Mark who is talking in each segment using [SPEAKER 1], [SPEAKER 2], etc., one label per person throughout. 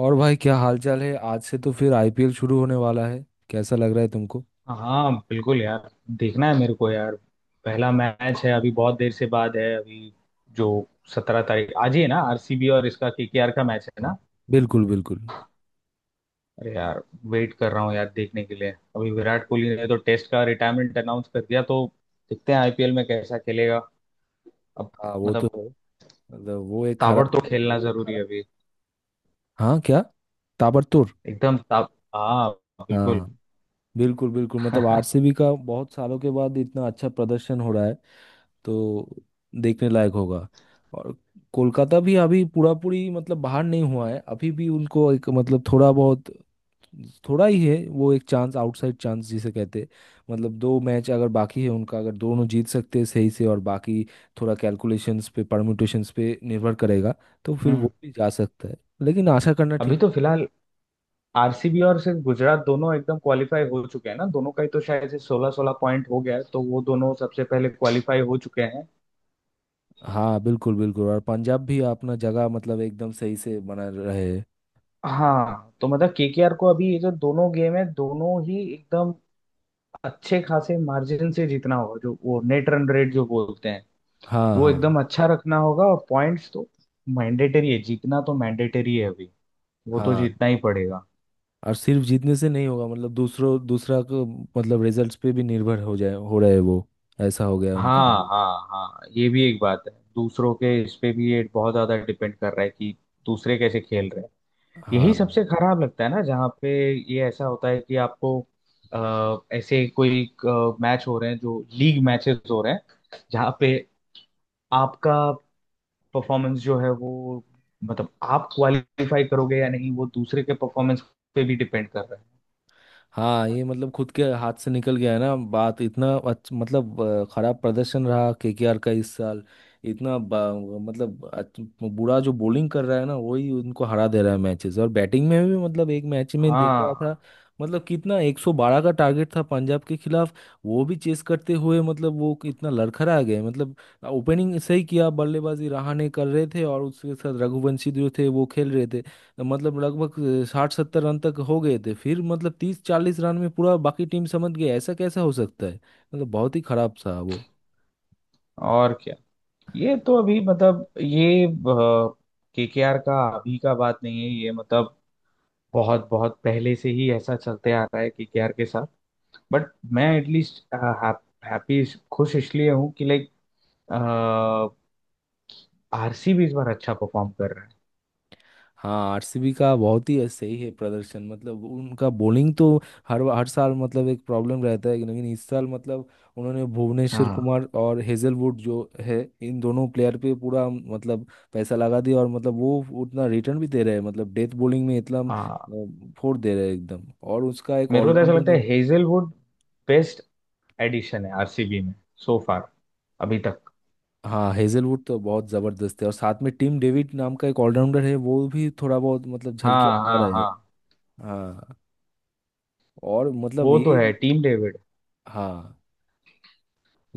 [SPEAKER 1] और भाई क्या हालचाल है। आज से तो फिर आईपीएल शुरू होने वाला है। कैसा लग रहा है तुमको।
[SPEAKER 2] हाँ बिल्कुल यार। देखना है मेरे को यार। पहला मैच है अभी बहुत देर से बाद है अभी। जो 17 तारीख आज ही है ना, आरसीबी और इसका केकेआर का मैच है ना।
[SPEAKER 1] बिल्कुल बिल्कुल।
[SPEAKER 2] अरे यार, वेट कर रहा हूँ यार देखने के लिए। अभी विराट कोहली ने तो टेस्ट का रिटायरमेंट अनाउंस कर दिया तो देखते हैं आईपीएल में कैसा खेलेगा अब।
[SPEAKER 1] हाँ वो तो
[SPEAKER 2] मतलब
[SPEAKER 1] है। मतलब वो एक
[SPEAKER 2] ताबड़तोड़
[SPEAKER 1] खराब।
[SPEAKER 2] खेलना जरूरी है अभी।
[SPEAKER 1] हाँ क्या। ताबड़तोड़।
[SPEAKER 2] एकदम ताब हाँ, बिल्कुल।
[SPEAKER 1] हाँ बिल्कुल बिल्कुल। मतलब आरसीबी का बहुत सालों के बाद इतना अच्छा प्रदर्शन हो रहा है, तो देखने लायक होगा। और कोलकाता भी अभी पूरा पूरी मतलब बाहर नहीं हुआ है, अभी भी उनको एक मतलब थोड़ा बहुत, थोड़ा ही है। वो एक चांस, आउटसाइड चांस जिसे कहते हैं। मतलब दो मैच अगर बाकी है उनका, अगर दोनों जीत सकते हैं सही से, और बाकी थोड़ा कैलकुलेशंस पे, परम्यूटेशंस पे निर्भर करेगा, तो फिर
[SPEAKER 2] हम्म।
[SPEAKER 1] वो भी जा सकता है। लेकिन आशा करना
[SPEAKER 2] अभी
[SPEAKER 1] ठीक।
[SPEAKER 2] तो फिलहाल आरसीबी और सिर्फ गुजरात दोनों एकदम क्वालिफाई हो चुके हैं ना। दोनों का ही तो शायद से 16 16 पॉइंट हो गया है, तो वो दोनों सबसे पहले क्वालिफाई हो चुके हैं।
[SPEAKER 1] हाँ बिल्कुल बिल्कुल। और पंजाब भी अपना जगह मतलब एकदम सही से बना रहे।
[SPEAKER 2] हाँ, तो मतलब केकेआर को अभी ये जो दोनों गेम है, दोनों ही एकदम अच्छे खासे मार्जिन से जीतना होगा। जो वो नेट रन रेट जो बोलते हैं,
[SPEAKER 1] हाँ
[SPEAKER 2] वो
[SPEAKER 1] हाँ
[SPEAKER 2] एकदम अच्छा रखना होगा। और पॉइंट्स तो मैंडेटरी है, जीतना तो मैंडेटरी है अभी। वो तो
[SPEAKER 1] हाँ।
[SPEAKER 2] जीतना ही पड़ेगा।
[SPEAKER 1] और सिर्फ जीतने से नहीं होगा, मतलब दूसरों दूसरा को मतलब रिजल्ट्स पे भी निर्भर हो रहे हैं वो, ऐसा हो गया उनका
[SPEAKER 2] हाँ
[SPEAKER 1] हाल।
[SPEAKER 2] हाँ। हाँ, ये भी एक बात है, दूसरों के इस पे भी ये बहुत ज्यादा डिपेंड कर रहा है कि दूसरे कैसे खेल रहे हैं। यही
[SPEAKER 1] हाँ
[SPEAKER 2] सबसे खराब लगता है ना, जहाँ पे ये ऐसा होता है कि आपको ऐसे कोई मैच हो रहे हैं, जो लीग मैचेस हो रहे हैं जहाँ पे आपका परफॉर्मेंस जो है वो, मतलब आप क्वालिफाई करोगे या नहीं वो दूसरे के परफॉर्मेंस पे भी डिपेंड कर रहा है।
[SPEAKER 1] हाँ, ये मतलब खुद के हाथ से निकल गया है ना बात। इतना मतलब खराब प्रदर्शन रहा केकेआर का इस साल। इतना मतलब बुरा जो बॉलिंग कर रहा है ना, वही उनको हरा दे रहा है मैचेस, और बैटिंग में भी। मतलब एक मैच में देख रहा
[SPEAKER 2] हाँ
[SPEAKER 1] था, मतलब कितना 112 का टारगेट था पंजाब के खिलाफ, वो भी चेस करते हुए मतलब वो कितना लड़खड़ा गए। मतलब ओपनिंग सही किया, बल्लेबाजी रहाणे कर रहे थे और उसके साथ रघुवंशी जो थे वो खेल रहे थे, तो मतलब लगभग 60-70 रन तक हो गए थे। फिर मतलब 30-40 रन में पूरा बाकी टीम समझ गई। ऐसा कैसा हो सकता है, मतलब बहुत ही खराब था वो।
[SPEAKER 2] और क्या। ये तो अभी, मतलब ये केकेआर का अभी का बात नहीं है ये, मतलब बहुत बहुत पहले से ही ऐसा चलते आ रहा है केकेआर के साथ। बट मैं एटलीस्ट हैप्पी, खुश इसलिए हूँ कि लाइक आरसीबी इस बार अच्छा परफॉर्म कर रहा है।
[SPEAKER 1] हाँ आरसीबी का बहुत ही सही है प्रदर्शन। मतलब उनका बॉलिंग तो हर हर साल मतलब एक प्रॉब्लम रहता है, लेकिन इस साल मतलब उन्होंने भुवनेश्वर
[SPEAKER 2] हाँ
[SPEAKER 1] कुमार और हेजलवुड जो है इन दोनों प्लेयर पे पूरा मतलब पैसा लगा दिया, और मतलब वो उतना रिटर्न भी दे रहे हैं, मतलब डेथ बॉलिंग में इतना
[SPEAKER 2] हाँ।
[SPEAKER 1] फोड़ दे रहे हैं एकदम। और उसका एक
[SPEAKER 2] मेरे को तो ऐसा लगता है
[SPEAKER 1] ऑलराउंडर।
[SPEAKER 2] हेजलवुड बेस्ट एडिशन है आरसीबी में, सो फार, अभी तक।
[SPEAKER 1] हाँ हेजलवुड तो बहुत जबरदस्त है, और साथ में टीम डेविड नाम का एक ऑलराउंडर है, वो भी थोड़ा बहुत मतलब झलकियां
[SPEAKER 2] हाँ
[SPEAKER 1] दिखा
[SPEAKER 2] हाँ
[SPEAKER 1] रहा है।
[SPEAKER 2] हाँ,
[SPEAKER 1] हाँ, और मतलब
[SPEAKER 2] वो तो
[SPEAKER 1] ये।
[SPEAKER 2] है टीम डेविड।
[SPEAKER 1] हाँ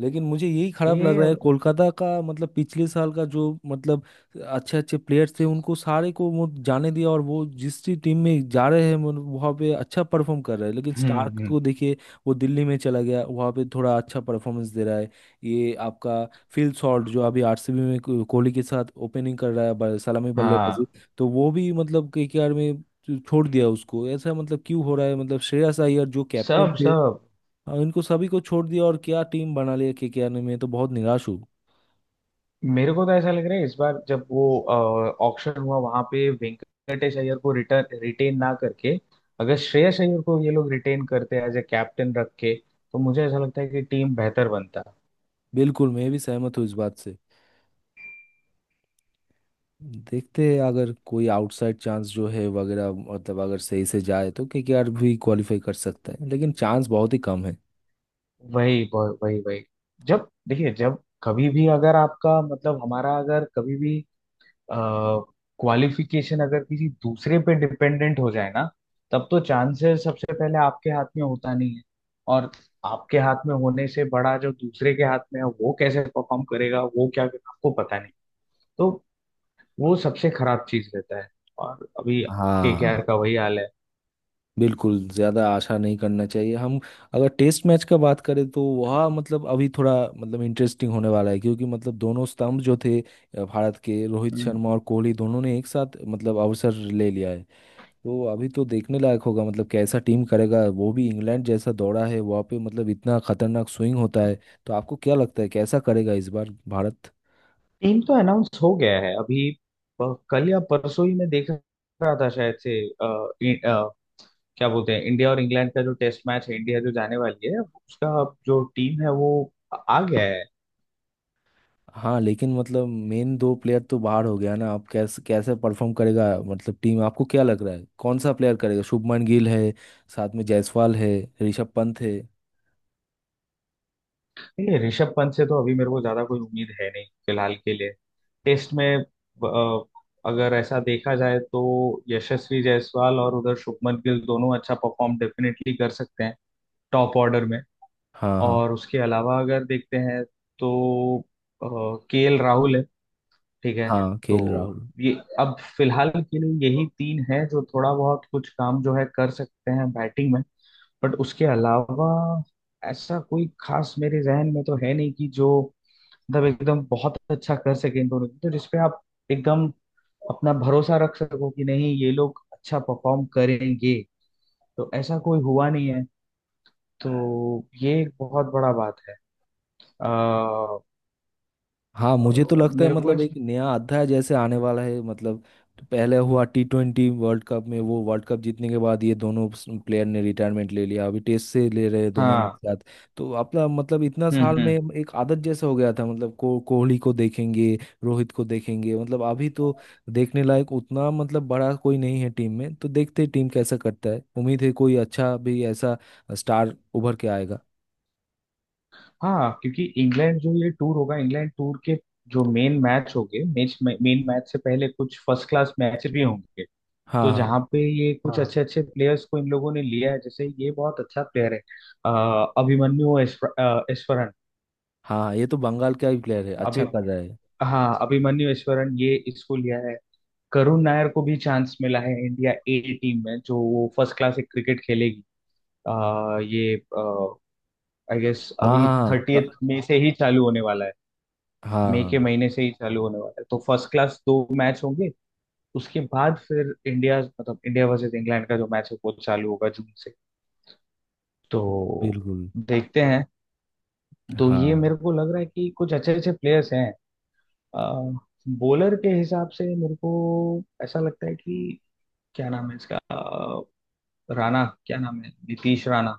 [SPEAKER 1] लेकिन मुझे यही खराब लग रहा
[SPEAKER 2] ये,
[SPEAKER 1] है, कोलकाता का मतलब पिछले साल का जो मतलब अच्छे अच्छे प्लेयर्स थे, उनको सारे को वो जाने दिया, और वो जिस भी टीम में जा रहे हैं मतलब वहाँ पे अच्छा परफॉर्म कर रहा है। लेकिन
[SPEAKER 2] हम्म
[SPEAKER 1] स्टार्क
[SPEAKER 2] हम्म,
[SPEAKER 1] को देखिए, वो दिल्ली में चला गया, वहाँ पे थोड़ा अच्छा परफॉर्मेंस दे रहा है। ये आपका फिल शॉर्ट जो अभी आरसीबी में कोहली के साथ ओपनिंग कर रहा है, सलामी बल्लेबाजी।
[SPEAKER 2] हाँ।
[SPEAKER 1] तो वो भी मतलब केकेआर में छोड़ दिया उसको, ऐसा मतलब क्यों हो रहा है। मतलब श्रेयस अय्यर जो कैप्टन
[SPEAKER 2] सब
[SPEAKER 1] थे,
[SPEAKER 2] सब,
[SPEAKER 1] हाँ, इनको सभी को छोड़ दिया, और क्या टीम बना लिया केकेआर ने, मैं तो बहुत निराश हूँ।
[SPEAKER 2] मेरे को तो ऐसा लग रहा है इस बार जब वो ऑक्शन हुआ वहां पे, वेंकटेश अय्यर को रिटर्न रिटेन ना करके, अगर श्रेयस अय्यर को ये लोग रिटेन करते एज ए कैप्टन रख के, तो मुझे ऐसा लगता है कि टीम बेहतर बनता।
[SPEAKER 1] बिल्कुल, मैं भी सहमत हूँ इस बात से। देखते हैं अगर कोई आउटसाइड चांस जो है वगैरह, मतलब अगर सही से जाए तो केकेआर भी क्वालिफाई कर सकता है, लेकिन चांस बहुत ही कम है।
[SPEAKER 2] वही वही वही वही। जब देखिए, जब कभी भी अगर आपका, मतलब हमारा अगर कभी भी क्वालिफिकेशन अगर किसी दूसरे पे डिपेंडेंट हो जाए ना, तब तो चांसेस सबसे पहले आपके हाथ में होता नहीं है। और आपके हाथ में होने से बड़ा जो दूसरे के हाथ में है वो कैसे परफॉर्म करेगा, वो क्या करेगा, आपको पता नहीं। तो वो सबसे खराब चीज रहता है। और अभी केकेआर
[SPEAKER 1] हाँ
[SPEAKER 2] का वही हाल है।
[SPEAKER 1] बिल्कुल। ज़्यादा आशा नहीं करना चाहिए हम। अगर टेस्ट मैच का बात करें तो वह मतलब अभी थोड़ा मतलब इंटरेस्टिंग होने वाला है, क्योंकि मतलब दोनों स्तंभ जो थे भारत के, रोहित शर्मा और कोहली दोनों ने एक साथ मतलब अवसर ले लिया है। तो अभी तो देखने लायक होगा, मतलब कैसा टीम करेगा, वो भी इंग्लैंड जैसा दौड़ा है वहाँ पे मतलब इतना खतरनाक स्विंग होता है। तो आपको क्या लगता है कैसा करेगा इस बार भारत।
[SPEAKER 2] टीम तो अनाउंस हो गया है अभी। कल या परसों ही मैं देख रहा था, शायद से। क्या बोलते हैं, इंडिया और इंग्लैंड का जो टेस्ट मैच है, इंडिया जो जाने वाली है उसका जो टीम है, वो आ गया है।
[SPEAKER 1] हाँ लेकिन मतलब मेन दो प्लेयर तो बाहर हो गया ना, आप कैसे कैसे परफॉर्म करेगा मतलब टीम। आपको क्या लग रहा है कौन सा प्लेयर करेगा। शुभमन गिल है, साथ में जायसवाल है, ऋषभ पंत है।
[SPEAKER 2] नहीं, ऋषभ पंत से तो अभी मेरे को ज्यादा कोई उम्मीद है नहीं फिलहाल के लिए। टेस्ट में अगर ऐसा देखा जाए तो, यशस्वी जायसवाल और उधर शुभमन गिल दोनों अच्छा परफॉर्म डेफिनेटली कर सकते हैं, टॉप ऑर्डर में।
[SPEAKER 1] हाँ हाँ
[SPEAKER 2] और उसके अलावा अगर देखते हैं तो, के एल राहुल है। ठीक है।
[SPEAKER 1] हाँ
[SPEAKER 2] तो
[SPEAKER 1] खेल राहुल।
[SPEAKER 2] ये अब फिलहाल के लिए यही तीन है, जो थोड़ा बहुत कुछ काम जो है कर सकते हैं बैटिंग में। बट उसके अलावा ऐसा कोई खास मेरे जहन में तो है नहीं कि जो मतलब एकदम बहुत अच्छा कर सके इन दोनों में, तो जिसपे आप एकदम अपना भरोसा रख सको कि नहीं, ये लोग अच्छा परफॉर्म करेंगे। तो ऐसा कोई हुआ नहीं है। तो ये एक बहुत बड़ा बात है। आ,
[SPEAKER 1] हाँ मुझे तो लगता है
[SPEAKER 2] मेरे को
[SPEAKER 1] मतलब एक
[SPEAKER 2] ऐसा।
[SPEAKER 1] नया अध्याय जैसे आने वाला है, मतलब पहले हुआ T20 वर्ल्ड कप में, वो वर्ल्ड कप जीतने के बाद ये दोनों प्लेयर ने रिटायरमेंट ले लिया, अभी टेस्ट से ले रहे हैं दोनों एक
[SPEAKER 2] हाँ।
[SPEAKER 1] साथ। तो अपना मतलब इतना साल में
[SPEAKER 2] हम्म।
[SPEAKER 1] एक आदत जैसा हो गया था, मतलब को कोहली को देखेंगे, रोहित को देखेंगे, मतलब अभी तो देखने लायक उतना मतलब बड़ा कोई नहीं है टीम में। तो देखते हैं टीम कैसा करता है, उम्मीद है कोई अच्छा भी ऐसा स्टार उभर के आएगा।
[SPEAKER 2] हाँ, क्योंकि इंग्लैंड जो ये टूर होगा, इंग्लैंड टूर के जो मेन मैच होंगे, मैच मेन मैच से पहले कुछ फर्स्ट क्लास मैच भी होंगे।
[SPEAKER 1] हाँ
[SPEAKER 2] तो
[SPEAKER 1] हाँ
[SPEAKER 2] जहाँ पे ये कुछ, हाँ, अच्छे अच्छे प्लेयर्स को इन लोगों ने लिया है। जैसे ये बहुत अच्छा प्लेयर है, अभिमन्यु ऐश्वरन।
[SPEAKER 1] हाँ ये तो बंगाल का ही प्लेयर है,
[SPEAKER 2] अभी,
[SPEAKER 1] अच्छा कर रहा है।
[SPEAKER 2] हाँ, अभिमन्यु ऐश्वरन, ये इसको लिया है। करुण नायर को भी चांस मिला है इंडिया ए टीम में, जो वो फर्स्ट क्लास एक क्रिकेट खेलेगी। ये आई गेस
[SPEAKER 1] हाँ
[SPEAKER 2] अभी
[SPEAKER 1] हाँ हाँ,
[SPEAKER 2] 30th में से ही चालू होने वाला है।
[SPEAKER 1] हाँ
[SPEAKER 2] मई के
[SPEAKER 1] हाँ,
[SPEAKER 2] महीने से ही चालू होने वाला है, तो फर्स्ट क्लास दो मैच होंगे। उसके बाद फिर इंडिया, मतलब इंडिया वर्सेस इंग्लैंड का जो मैच है वो चालू होगा जून से। तो
[SPEAKER 1] बिल्कुल।
[SPEAKER 2] देखते हैं। तो ये
[SPEAKER 1] हाँ
[SPEAKER 2] मेरे को लग रहा है कि कुछ अच्छे अच्छे प्लेयर्स हैं। बॉलर के हिसाब से मेरे को ऐसा लगता है कि क्या नाम है इसका, राणा, क्या नाम है, नीतीश राणा।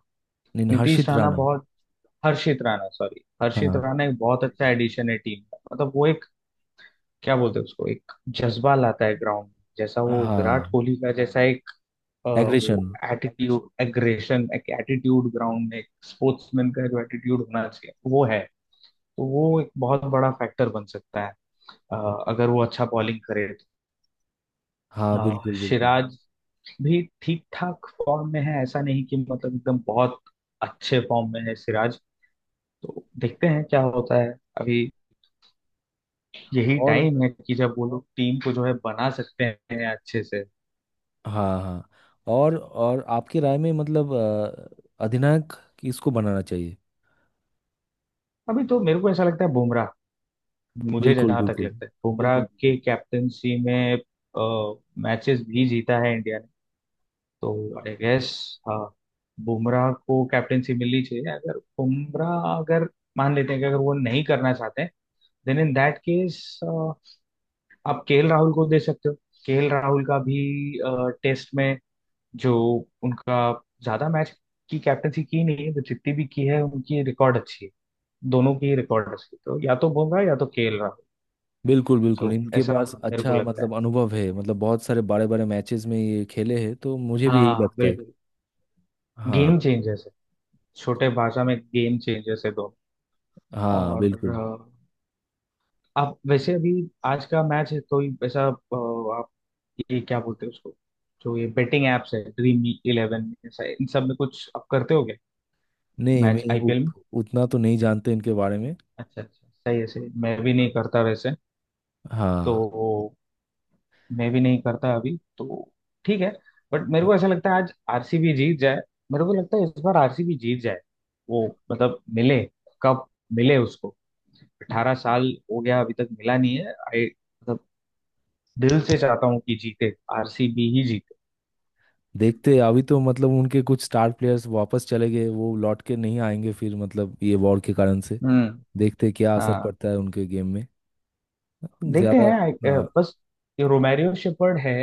[SPEAKER 1] नहीं
[SPEAKER 2] नीतीश
[SPEAKER 1] हर्षित
[SPEAKER 2] राणा
[SPEAKER 1] राणा।
[SPEAKER 2] बहुत हर्षित
[SPEAKER 1] हाँ
[SPEAKER 2] राणा एक बहुत अच्छा एडिशन है टीम का। मतलब वो एक, क्या बोलते हैं उसको, एक जज्बा लाता है ग्राउंड में, जैसा वो विराट
[SPEAKER 1] हाँ
[SPEAKER 2] कोहली का जैसा एक अ,
[SPEAKER 1] एग्रेशन।
[SPEAKER 2] वो एटीट्यूड, एग्रेशन, एक एटीट्यूड ग्राउंड में, एक स्पोर्ट्समैन का जो एटीट्यूड होना चाहिए वो है। तो वो एक बहुत बड़ा फैक्टर बन सकता है, अगर वो अच्छा बॉलिंग करे।
[SPEAKER 1] हाँ
[SPEAKER 2] तो
[SPEAKER 1] बिल्कुल बिल्कुल।
[SPEAKER 2] सिराज भी ठीक ठाक फॉर्म में है। ऐसा नहीं कि मतलब एकदम बहुत अच्छे फॉर्म में है सिराज। तो देखते हैं क्या होता है। अभी यही
[SPEAKER 1] और
[SPEAKER 2] टाइम है कि जब वो लोग टीम को जो है बना सकते हैं अच्छे से।
[SPEAKER 1] हाँ हाँ। और आपकी राय में, मतलब अधिनायक किसको बनाना चाहिए।
[SPEAKER 2] अभी तो मेरे को ऐसा लगता है बुमराह, मुझे
[SPEAKER 1] बिल्कुल
[SPEAKER 2] जहां तक
[SPEAKER 1] बिल्कुल।
[SPEAKER 2] लगता है बुमराह, हम्म, के कैप्टनसी में मैचेस भी जीता है इंडिया ने। तो आई गेस, हाँ, बुमराह को कैप्टनसी मिलनी चाहिए। अगर बुमराह, अगर मान लेते हैं कि अगर वो नहीं करना चाहते हैं, देन इन दैट केस, आप केएल राहुल को दे सकते हो। केएल राहुल का भी टेस्ट में जो उनका, ज्यादा मैच की कैप्टनसी की नहीं है, तो जितनी भी की है उनकी रिकॉर्ड अच्छी है, दोनों की रिकॉर्ड्स की। तो या तो बुमराह या तो केएल राहुल,
[SPEAKER 1] बिल्कुल
[SPEAKER 2] सो
[SPEAKER 1] बिल्कुल इनके
[SPEAKER 2] ऐसा
[SPEAKER 1] पास
[SPEAKER 2] मेरे को
[SPEAKER 1] अच्छा
[SPEAKER 2] लगता है।
[SPEAKER 1] मतलब अनुभव है, मतलब बहुत सारे बड़े बड़े मैचेस में ये खेले हैं, तो मुझे भी यही
[SPEAKER 2] हाँ
[SPEAKER 1] लगता है।
[SPEAKER 2] बिल्कुल,
[SPEAKER 1] हाँ
[SPEAKER 2] गेम चेंजर्स है। छोटे भाषा में गेम चेंजर्स है दोनों।
[SPEAKER 1] हाँ
[SPEAKER 2] और
[SPEAKER 1] बिल्कुल।
[SPEAKER 2] आप वैसे अभी आज का मैच है कोई ऐसा, आप ये क्या बोलते हैं उसको, जो ये बेटिंग एप्स है Dream11, ऐसा इन सब में कुछ आप करते हो क्या
[SPEAKER 1] नहीं
[SPEAKER 2] मैच
[SPEAKER 1] मैं
[SPEAKER 2] आईपीएल में?
[SPEAKER 1] उतना तो नहीं जानते इनके बारे में।
[SPEAKER 2] अच्छा, अच्छा, सही है सही है। मैं भी नहीं करता वैसे। तो
[SPEAKER 1] हाँ
[SPEAKER 2] मैं भी नहीं करता अभी तो। ठीक है। बट मेरे
[SPEAKER 1] हाँ,
[SPEAKER 2] को ऐसा लगता है आज आरसीबी जीत जाए। मेरे को लगता है इस बार आरसीबी जीत जाए, वो, मतलब मिले, कप मिले उसको। 18 साल हो गया, अभी तक मिला नहीं है। आई मतलब दिल से चाहता हूँ कि जीते, आरसीबी ही जीते।
[SPEAKER 1] देखते हैं, अभी तो मतलब उनके कुछ स्टार प्लेयर्स वापस चले गए, वो लौट के नहीं आएंगे फिर, मतलब ये वॉर के कारण से।
[SPEAKER 2] हम्म।
[SPEAKER 1] देखते हैं क्या असर
[SPEAKER 2] हाँ।
[SPEAKER 1] पड़ता है उनके गेम में।
[SPEAKER 2] देखते
[SPEAKER 1] ज्यादा।
[SPEAKER 2] हैं
[SPEAKER 1] हाँ
[SPEAKER 2] बस। ये रोमेरियो शेफर्ड है,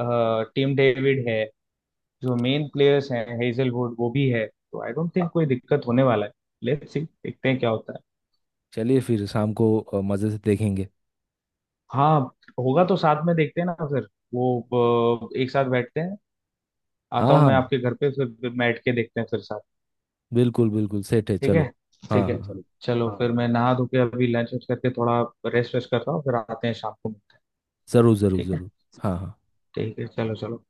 [SPEAKER 2] टीम डेविड है, जो मेन प्लेयर्स हैं, हेजलवुड वो भी है। तो आई डोंट थिंक कोई दिक्कत होने वाला है। लेट्स सी, देखते हैं क्या होता है।
[SPEAKER 1] चलिए फिर शाम को मजे से देखेंगे।
[SPEAKER 2] हाँ, होगा तो साथ में देखते हैं ना फिर वो एक साथ बैठते हैं। आता
[SPEAKER 1] हाँ
[SPEAKER 2] हूँ
[SPEAKER 1] हाँ
[SPEAKER 2] मैं आपके घर पे, फिर बैठ के देखते हैं फिर साथ।
[SPEAKER 1] बिल्कुल बिल्कुल, सेट है,
[SPEAKER 2] ठीक
[SPEAKER 1] चलो।
[SPEAKER 2] है। ठीक
[SPEAKER 1] हाँ
[SPEAKER 2] ठीक है
[SPEAKER 1] हाँ हाँ
[SPEAKER 2] चलो चलो, हाँ, फिर मैं नहा धो के अभी लंच वंच करके थोड़ा रेस्ट वेस्ट करता हूँ, फिर आते हैं शाम को।
[SPEAKER 1] जरूर जरूर
[SPEAKER 2] ठीक है।
[SPEAKER 1] जरूर। हाँ हाँ।
[SPEAKER 2] ठीक है चलो चलो।